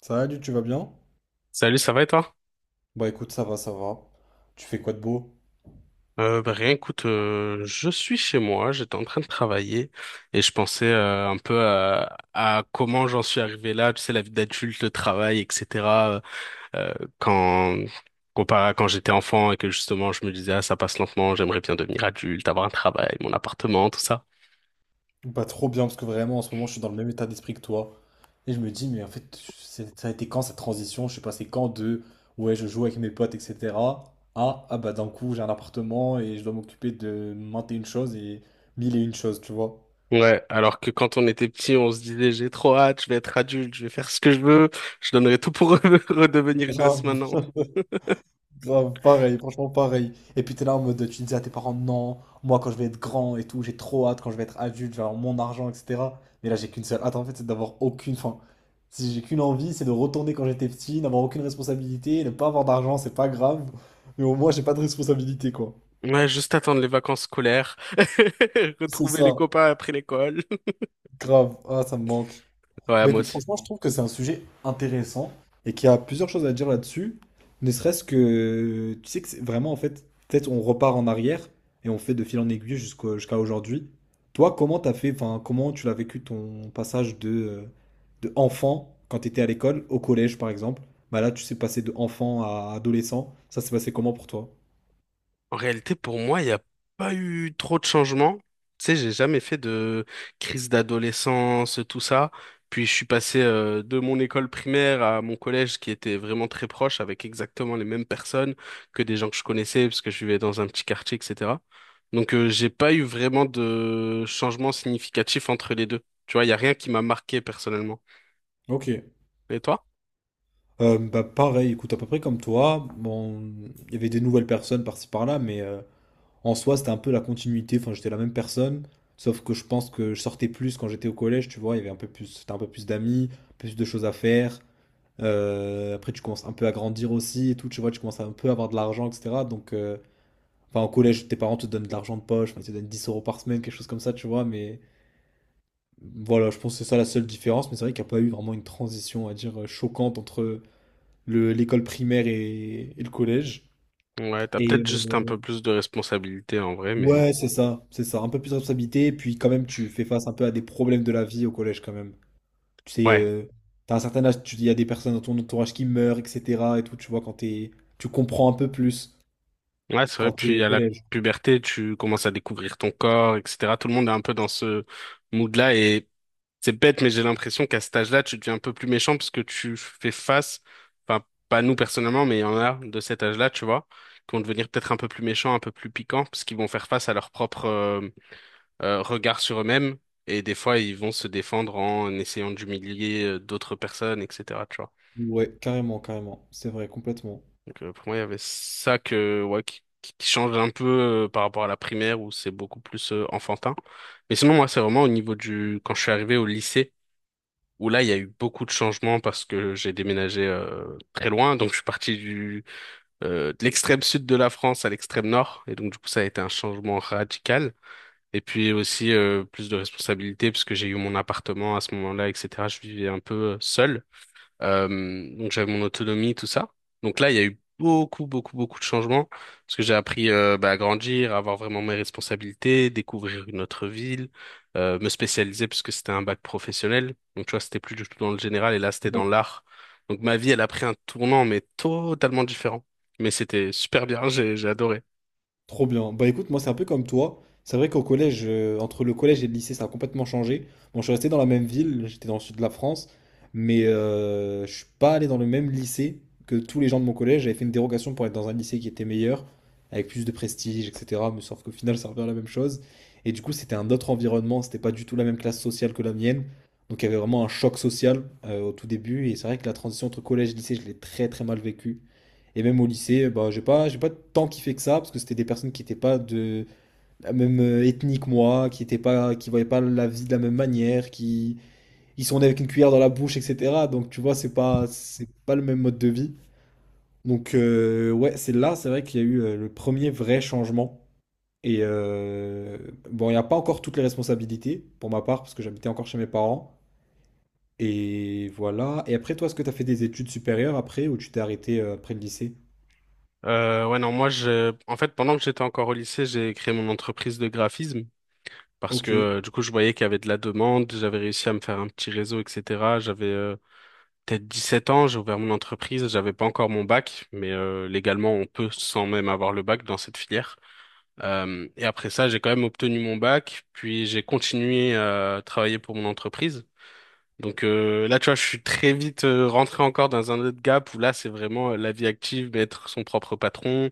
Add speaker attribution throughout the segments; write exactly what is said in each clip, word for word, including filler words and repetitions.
Speaker 1: Salut, tu vas bien?
Speaker 2: Salut, ça va et toi?
Speaker 1: Bah écoute, ça va, ça va. Tu fais quoi de beau?
Speaker 2: Euh, bah, rien, écoute, euh, je suis chez moi, j'étais en train de travailler et je pensais euh, un peu à, à comment j'en suis arrivé là, tu sais, la vie d'adulte, le travail, et cætera euh, quand comparé à quand j'étais enfant et que justement je me disais ah ça passe lentement, j'aimerais bien devenir adulte, avoir un travail, mon appartement, tout ça.
Speaker 1: Bah trop bien, parce que vraiment en ce moment je suis dans le même état d'esprit que toi. Et je me dis, mais en fait, c'est- ça a été quand cette transition? Je suis passé quand de ouais, je joue avec mes potes, et cetera. Ah, ah bah d'un coup j'ai un appartement et je dois m'occuper de maintes et une choses et mille et une choses, tu vois.
Speaker 2: Ouais, alors que quand on était petit, on se disait j'ai trop hâte, je vais être adulte, je vais faire ce que je veux, je donnerais tout pour redevenir gosse
Speaker 1: Grave.
Speaker 2: maintenant.
Speaker 1: Grave, pareil, franchement pareil. Et puis t'es là en mode, tu disais à tes parents, non, moi quand je vais être grand et tout, j'ai trop hâte, quand je vais être adulte, je vais avoir mon argent, et cetera. Mais là j'ai qu'une seule hâte en fait, c'est d'avoir aucune fin. Si j'ai qu'une envie, c'est de retourner quand j'étais petit, n'avoir aucune responsabilité, ne pas avoir d'argent, c'est pas grave. Mais au moins j'ai pas de responsabilité quoi.
Speaker 2: Ouais, juste attendre les vacances scolaires,
Speaker 1: C'est
Speaker 2: retrouver les
Speaker 1: ça,
Speaker 2: copains après l'école.
Speaker 1: grave. Ah, ça me manque.
Speaker 2: Ouais,
Speaker 1: Bah
Speaker 2: moi
Speaker 1: écoute,
Speaker 2: aussi.
Speaker 1: franchement, je trouve que c'est un sujet intéressant et qu'il y a plusieurs choses à dire là-dessus. Ne serait-ce que, tu sais que c'est vraiment, en fait, peut-être on repart en arrière et on fait de fil en aiguille jusqu'au- jusqu'à aujourd'hui. Toi, comment t'as fait, enfin, comment tu l'as vécu ton passage de, euh, de enfant quand t'étais à l'école, au collège par exemple? Bah là, tu sais passer de enfant à adolescent. Ça s'est passé comment pour toi?
Speaker 2: En réalité, pour moi, il n'y a pas eu trop de changements. Tu sais, j'ai jamais fait de crise d'adolescence, tout ça. Puis je suis passé euh, de mon école primaire à mon collège qui était vraiment très proche avec exactement les mêmes personnes que des gens que je connaissais parce que je vivais dans un petit quartier, et cætera. Donc euh, j'ai pas eu vraiment de changement significatif entre les deux. Tu vois, il n'y a rien qui m'a marqué personnellement.
Speaker 1: Ok.
Speaker 2: Et toi?
Speaker 1: Euh, bah pareil, écoute, à peu près comme toi. Bon, il y avait des nouvelles personnes par-ci par-là, mais euh, En soi, c'était un peu la continuité. Enfin, j'étais la même personne. Sauf que je pense que je sortais plus quand j'étais au collège, tu vois. Il y avait un peu plus, c'était un peu plus d'amis, plus de choses à faire. Euh, après, tu commences un peu à grandir aussi et tout. Tu vois, tu commences à un peu avoir de l'argent, et cetera. Donc, euh, enfin, au collège, tes parents te donnent de l'argent de poche. Enfin, ils te donnent dix euros par semaine, quelque chose comme ça, tu vois. Mais voilà, je pense que c'est ça la seule différence. Mais c'est vrai qu'il n'y a pas eu vraiment une transition, à dire, euh, choquante entre le- l'école primaire et, et le collège.
Speaker 2: Ouais, t'as
Speaker 1: Et,
Speaker 2: peut-être juste un
Speaker 1: euh,
Speaker 2: peu plus de responsabilité en vrai, mais
Speaker 1: Ouais, c'est ça, c'est ça. Un peu plus de responsabilité, puis quand même, tu fais face un peu à des problèmes de la vie au collège quand même. Tu sais,
Speaker 2: ouais,
Speaker 1: euh, t'as un certain âge, tu il y a des personnes dans ton entourage qui meurent, et cetera et tout, tu vois, quand t'es, tu comprends un peu plus
Speaker 2: ouais, c'est vrai.
Speaker 1: quand t'es au
Speaker 2: Puis à la
Speaker 1: collège.
Speaker 2: puberté, tu commences à découvrir ton corps, et cætera. Tout le monde est un peu dans ce mood-là et c'est bête, mais j'ai l'impression qu'à cet âge-là, tu deviens un peu plus méchant parce que tu fais face, enfin, pas nous personnellement, mais il y en a de cet âge-là, tu vois, qui vont devenir peut-être un peu plus méchants, un peu plus piquants, parce qu'ils vont faire face à leur propre euh, euh, regard sur eux-mêmes et des fois, ils vont se défendre en essayant d'humilier euh, d'autres personnes, et cætera.
Speaker 1: Ouais, carrément, carrément. C'est vrai, complètement.
Speaker 2: Donc euh, pour moi, il y avait ça que, ouais, qui, qui qui change un peu euh, par rapport à la primaire où c'est beaucoup plus euh, enfantin. Mais sinon, moi, c'est vraiment au niveau du... Quand je suis arrivé au lycée, où là, il y a eu beaucoup de changements parce que j'ai déménagé euh, très loin. Donc, je suis parti du, euh, de l'extrême sud de la France à l'extrême nord. Et donc, du coup, ça a été un changement radical. Et puis aussi, euh, plus de responsabilités parce que j'ai eu mon appartement à ce moment-là, et cætera. Je vivais un peu euh, seul. Euh, donc j'avais mon autonomie, tout ça. Donc là, il y a eu beaucoup, beaucoup, beaucoup de changements parce que j'ai appris euh, bah, à grandir, à avoir vraiment mes responsabilités, découvrir une autre ville, euh, me spécialiser parce que c'était un bac professionnel. Donc tu vois, c'était plus du tout dans le général et là, c'était dans l'art. Donc ma vie, elle a pris un tournant, mais totalement différent. Mais c'était super bien, j'ai, j'ai adoré.
Speaker 1: Trop bien. Bah écoute, moi c'est un peu comme toi. C'est vrai qu'au collège, euh, entre le collège et le lycée, ça a complètement changé. Bon, je suis resté dans la même ville, j'étais dans le sud de la France, mais euh, je suis pas allé dans le même lycée que tous les gens de mon collège. J'avais fait une dérogation pour être dans un lycée qui était meilleur, avec plus de prestige, et cetera. Mais sauf qu'au final, ça revient à la même chose. Et du coup, c'était un autre environnement, c'était pas du tout la même classe sociale que la mienne. Donc il y avait vraiment un choc social euh, au tout début. Et c'est vrai que la transition entre collège et lycée, je l'ai très très mal vécu. Et même au lycée, bah, j'ai pas, j'ai pas tant kiffé que ça, parce que c'était des personnes qui n'étaient pas de la même euh, ethnie que moi, qui étaient pas, qui voyaient pas la vie de la même manière, qui, ils sont nés avec une cuillère dans la bouche, et cetera. Donc tu vois, c'est pas, c'est pas le même mode de vie. Donc euh, ouais, c'est là, c'est vrai qu'il y a eu euh, le premier vrai changement. Et euh, bon, il n'y a pas encore toutes les responsabilités, pour ma part, parce que j'habitais encore chez mes parents. Et voilà. Et après, toi, est-ce que tu as fait des études supérieures après, ou tu t'es arrêté euh, après le lycée?
Speaker 2: Euh, ouais, non, moi, je, en fait, pendant que j'étais encore au lycée, j'ai créé mon entreprise de graphisme. Parce que
Speaker 1: Ok.
Speaker 2: euh, du coup, je voyais qu'il y avait de la demande, j'avais réussi à me faire un petit réseau, et cætera. J'avais euh, peut-être dix sept ans, j'ai ouvert mon entreprise, j'avais pas encore mon bac, mais euh, légalement, on peut sans même avoir le bac dans cette filière. Euh, et après ça, j'ai quand même obtenu mon bac, puis j'ai continué à travailler pour mon entreprise. Donc euh, là, tu vois, je suis très vite euh, rentré encore dans un autre gap où là, c'est vraiment euh, la vie active, mais être son propre patron.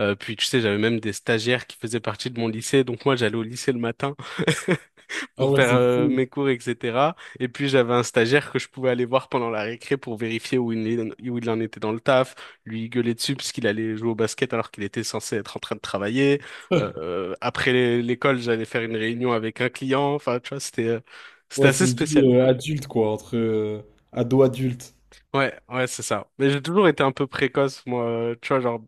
Speaker 2: Euh, puis tu sais, j'avais même des stagiaires qui faisaient partie de mon lycée, donc moi, j'allais au lycée le matin.
Speaker 1: Ah
Speaker 2: pour
Speaker 1: ouais,
Speaker 2: faire
Speaker 1: c'est
Speaker 2: euh,
Speaker 1: fou.
Speaker 2: mes cours, et cætera. Et puis j'avais un stagiaire que je pouvais aller voir pendant la récré pour vérifier où il, est- où il en était dans le taf, lui gueuler dessus parce qu'il allait jouer au basket alors qu'il était censé être en train de travailler. Euh, après l'é- l'école, j'allais faire une réunion avec un client. Enfin, tu vois, c'était euh, c'était
Speaker 1: Ouais, c'est
Speaker 2: assez
Speaker 1: une vie
Speaker 2: spécial.
Speaker 1: euh, adulte, quoi, entre euh, ado-adulte.
Speaker 2: Ouais, ouais, c'est ça. Mais j'ai toujours été un peu précoce, moi. euh, Tu vois, genre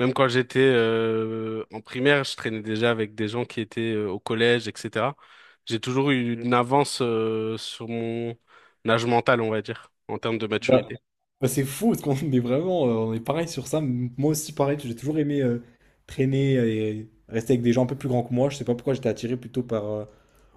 Speaker 2: même quand j'étais euh, en primaire, je traînais déjà avec des gens qui étaient euh, au collège, et cætera. J'ai toujours eu une avance euh, sur mon âge mental, on va dire, en termes de
Speaker 1: Bah,
Speaker 2: maturité.
Speaker 1: bah, c'est fou, parce qu'on est vraiment, euh, on est pareil sur ça. M- Moi aussi, pareil, j'ai toujours aimé euh, traîner et rester avec des gens un peu plus grands que moi. Je sais pas pourquoi j'étais attiré plutôt par euh,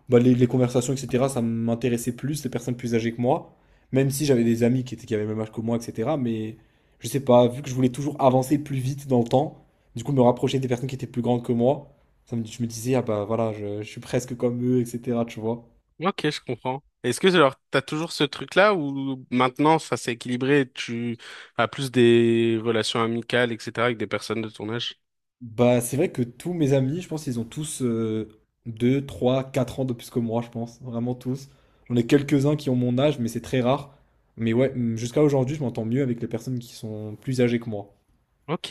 Speaker 1: bah, les, les conversations, et cetera. Ça m'intéressait plus, les personnes plus âgées que moi. Même si j'avais des amis qui étaient, qui avaient le même âge que moi, et cetera. Mais je sais pas, vu que je voulais toujours avancer plus vite dans le temps, du coup, me rapprocher des personnes qui étaient plus grandes que moi, ça me, je me disais, ah bah voilà, je, je suis presque comme eux, et cetera. Tu vois.
Speaker 2: Ok, je comprends. Est-ce que alors t'as toujours ce truc-là ou maintenant ça s'est équilibré, et tu as plus des relations amicales, et cætera avec des personnes de ton âge?
Speaker 1: Bah, c'est vrai que tous mes amis, je pense, ils ont tous euh, deux trois quatre ans de plus que moi, je pense. Vraiment tous. J'en ai quelques-uns qui ont mon âge, mais c'est très rare. Mais ouais, hum, jusqu'à aujourd'hui, je m'entends mieux avec les personnes qui sont plus âgées que moi.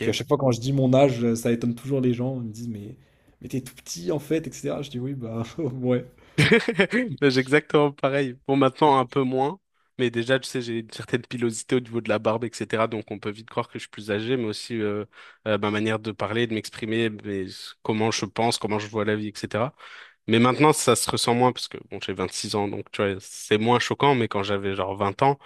Speaker 1: Puis à chaque fois, quand je dis mon âge, euh, ça étonne toujours les gens. Ils me disent, mais, mais t'es tout petit en fait, et cetera. Je dis, oui, bah, ouais.
Speaker 2: Ben, j'ai exactement pareil. Bon, maintenant, un peu moins. Mais déjà, tu sais, j'ai une certaine pilosité au niveau de la barbe, et cætera. Donc, on peut vite croire que je suis plus âgé, mais aussi euh, euh, ma manière de parler, de m'exprimer, mais s- comment je pense, comment je vois la vie, et cætera. Mais maintenant, ça se ressent moins, parce que bon, j'ai vingt-six ans, donc tu vois, c'est moins choquant. Mais quand j'avais genre vingt ans,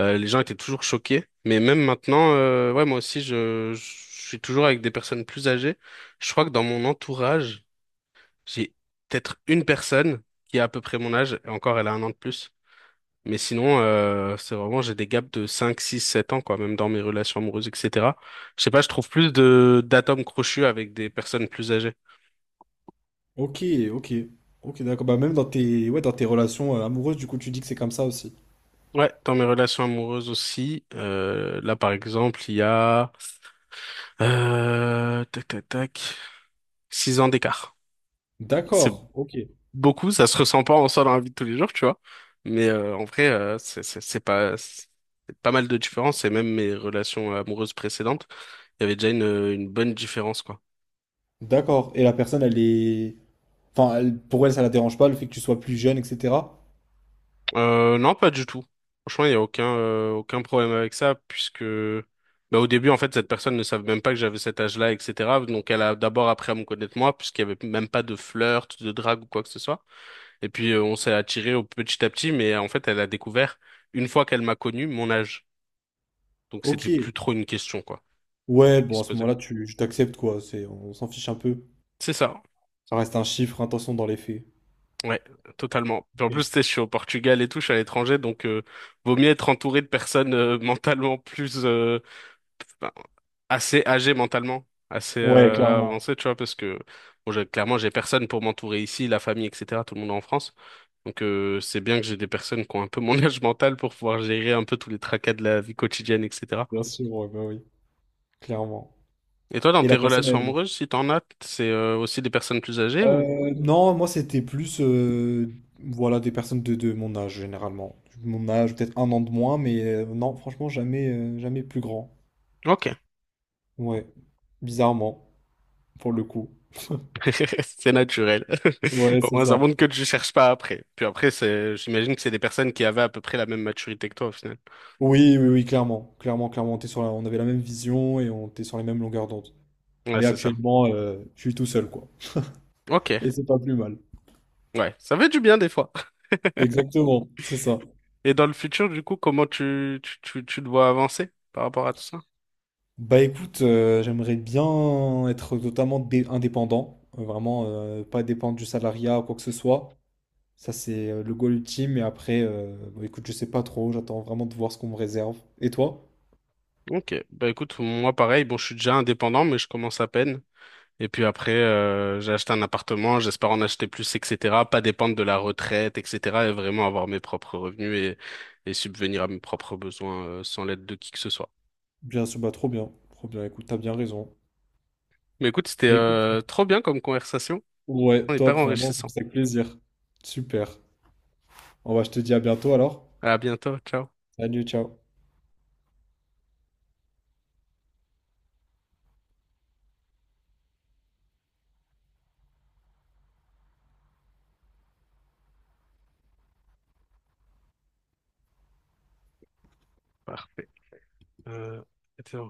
Speaker 2: euh, les gens étaient toujours choqués. Mais même maintenant, euh, ouais, moi aussi, je, je suis toujours avec des personnes plus âgées. Je crois que dans mon entourage, j'ai peut-être une personne qui a à peu près mon âge, et encore elle a un an de plus. Mais sinon, euh, c'est vraiment, j'ai des gaps de cinq six sept ans, quoi, même dans mes relations amoureuses, et cætera. Je sais pas, je trouve plus de d'atomes crochus avec des personnes plus âgées.
Speaker 1: Ok, ok. Ok, d'accord. Bah, même dans tes, ouais, dans tes relations euh, amoureuses, du coup, tu dis que c'est comme ça aussi.
Speaker 2: Ouais, dans mes relations amoureuses aussi. euh, là, par exemple, il y a euh, tac, tac, tac, six ans d'écart. C'est
Speaker 1: D'accord, ok.
Speaker 2: beaucoup, ça se ressent pas en soi dans la vie de tous les jours, tu vois. Mais euh, en vrai, euh, c'est c'est- c'est pas c'est pas mal de différence et même mes relations amoureuses précédentes, il y avait déjà une, une bonne différence quoi.
Speaker 1: D'accord. Et la personne, elle est. Enfin, elle- pour elle, ça la dérange pas, le fait que tu sois plus jeune, et cetera.
Speaker 2: Euh, non, pas du tout. Franchement, il y a aucun euh, aucun problème avec ça puisque bah, au début en fait cette personne ne savait même pas que j'avais cet âge-là, et cætera. Donc elle a d'abord appris à me connaître moi puisqu'il y avait même pas de flirt, de drague ou quoi que ce soit. Et puis euh, on s'est attiré au petit à petit, mais euh, en fait elle a découvert une fois qu'elle m'a connu mon âge. Donc c'était plus
Speaker 1: Ok.
Speaker 2: trop une question, quoi,
Speaker 1: Ouais,
Speaker 2: qui
Speaker 1: bon,
Speaker 2: se
Speaker 1: à ce
Speaker 2: posait.
Speaker 1: moment-là, tu je t'accepte, quoi. C'est, on s'en fiche un peu.
Speaker 2: C'est ça.
Speaker 1: Ça reste un chiffre, attention dans les faits.
Speaker 2: Ouais, totalement. Puis en
Speaker 1: Ok.
Speaker 2: plus, tu sais, je suis au Portugal et tout, je suis à l'étranger, donc euh, vaut mieux être entouré de personnes euh, mentalement plus euh, ben, assez âgées mentalement, assez
Speaker 1: Ouais,
Speaker 2: euh,
Speaker 1: clairement.
Speaker 2: avancées, tu vois, parce que bon, j'ai- clairement, j'ai personne pour m'entourer ici, la famille, et cætera. Tout le monde est en France, donc euh, c'est bien que j'ai des personnes qui ont un peu mon âge mental pour pouvoir gérer un peu tous les tracas de la vie quotidienne, et cætera.
Speaker 1: Bien sûr, ouais, bah oui, clairement.
Speaker 2: Et toi, dans
Speaker 1: Et
Speaker 2: tes
Speaker 1: la personne,
Speaker 2: relations
Speaker 1: elle...
Speaker 2: amoureuses, si t'en as, c'est euh, aussi des personnes plus âgées ou?
Speaker 1: Euh, non, moi, c'était plus, euh, voilà, des personnes de, de mon âge, généralement. Mon âge, peut-être un an de moins, mais euh, non, franchement, jamais, euh, jamais plus grand.
Speaker 2: Ok.
Speaker 1: Ouais, bizarrement, pour le coup.
Speaker 2: C'est naturel.
Speaker 1: Ouais,
Speaker 2: Au
Speaker 1: c'est
Speaker 2: moins, ça
Speaker 1: ça.
Speaker 2: montre que tu cherches pas après. Puis après, c'est, j'imagine que c'est des personnes qui avaient à peu près la même maturité que toi au final.
Speaker 1: Oui, oui, oui, clairement, clairement, clairement, on était sur la- on avait la même vision et on était sur les mêmes longueurs d'onde.
Speaker 2: Ouais,
Speaker 1: Mais
Speaker 2: c'est ça.
Speaker 1: actuellement, euh, je suis tout seul, quoi. Et
Speaker 2: Ok.
Speaker 1: c'est pas plus mal.
Speaker 2: Ouais, ça fait du bien des fois.
Speaker 1: Exactement, c'est ça.
Speaker 2: Et dans le futur, du coup, comment tu, tu, tu, tu te vois avancer par rapport à tout ça?
Speaker 1: Bah écoute, euh, j'aimerais bien être totalement dé- indépendant, euh, vraiment euh, pas dépendre du salariat ou quoi que ce soit. Ça, c'est euh, le goal ultime. Et après, euh, bah, écoute, je sais pas trop, j'attends vraiment de voir ce qu'on me réserve. Et toi?
Speaker 2: Ok. Bah écoute, moi pareil, bon, je suis déjà indépendant, mais je commence à peine. Et puis après, euh, j'ai acheté un appartement, j'espère en acheter plus, et cætera. Pas dépendre de la retraite, et cætera. Et vraiment avoir mes propres revenus et, et subvenir à mes propres besoins, euh, sans l'aide de qui que ce soit.
Speaker 1: Bien sûr, bah trop bien, trop bien. Écoute, t'as bien raison.
Speaker 2: Mais écoute, c'était
Speaker 1: Bah écoute,
Speaker 2: euh, trop bien comme conversation.
Speaker 1: ouais,
Speaker 2: On est pas
Speaker 1: top, vraiment, ça me
Speaker 2: enrichissant.
Speaker 1: fait plaisir. Super. On va, je te dis à bientôt alors.
Speaker 2: À bientôt. Ciao.
Speaker 1: Salut, ciao.
Speaker 2: Parfait. Euh,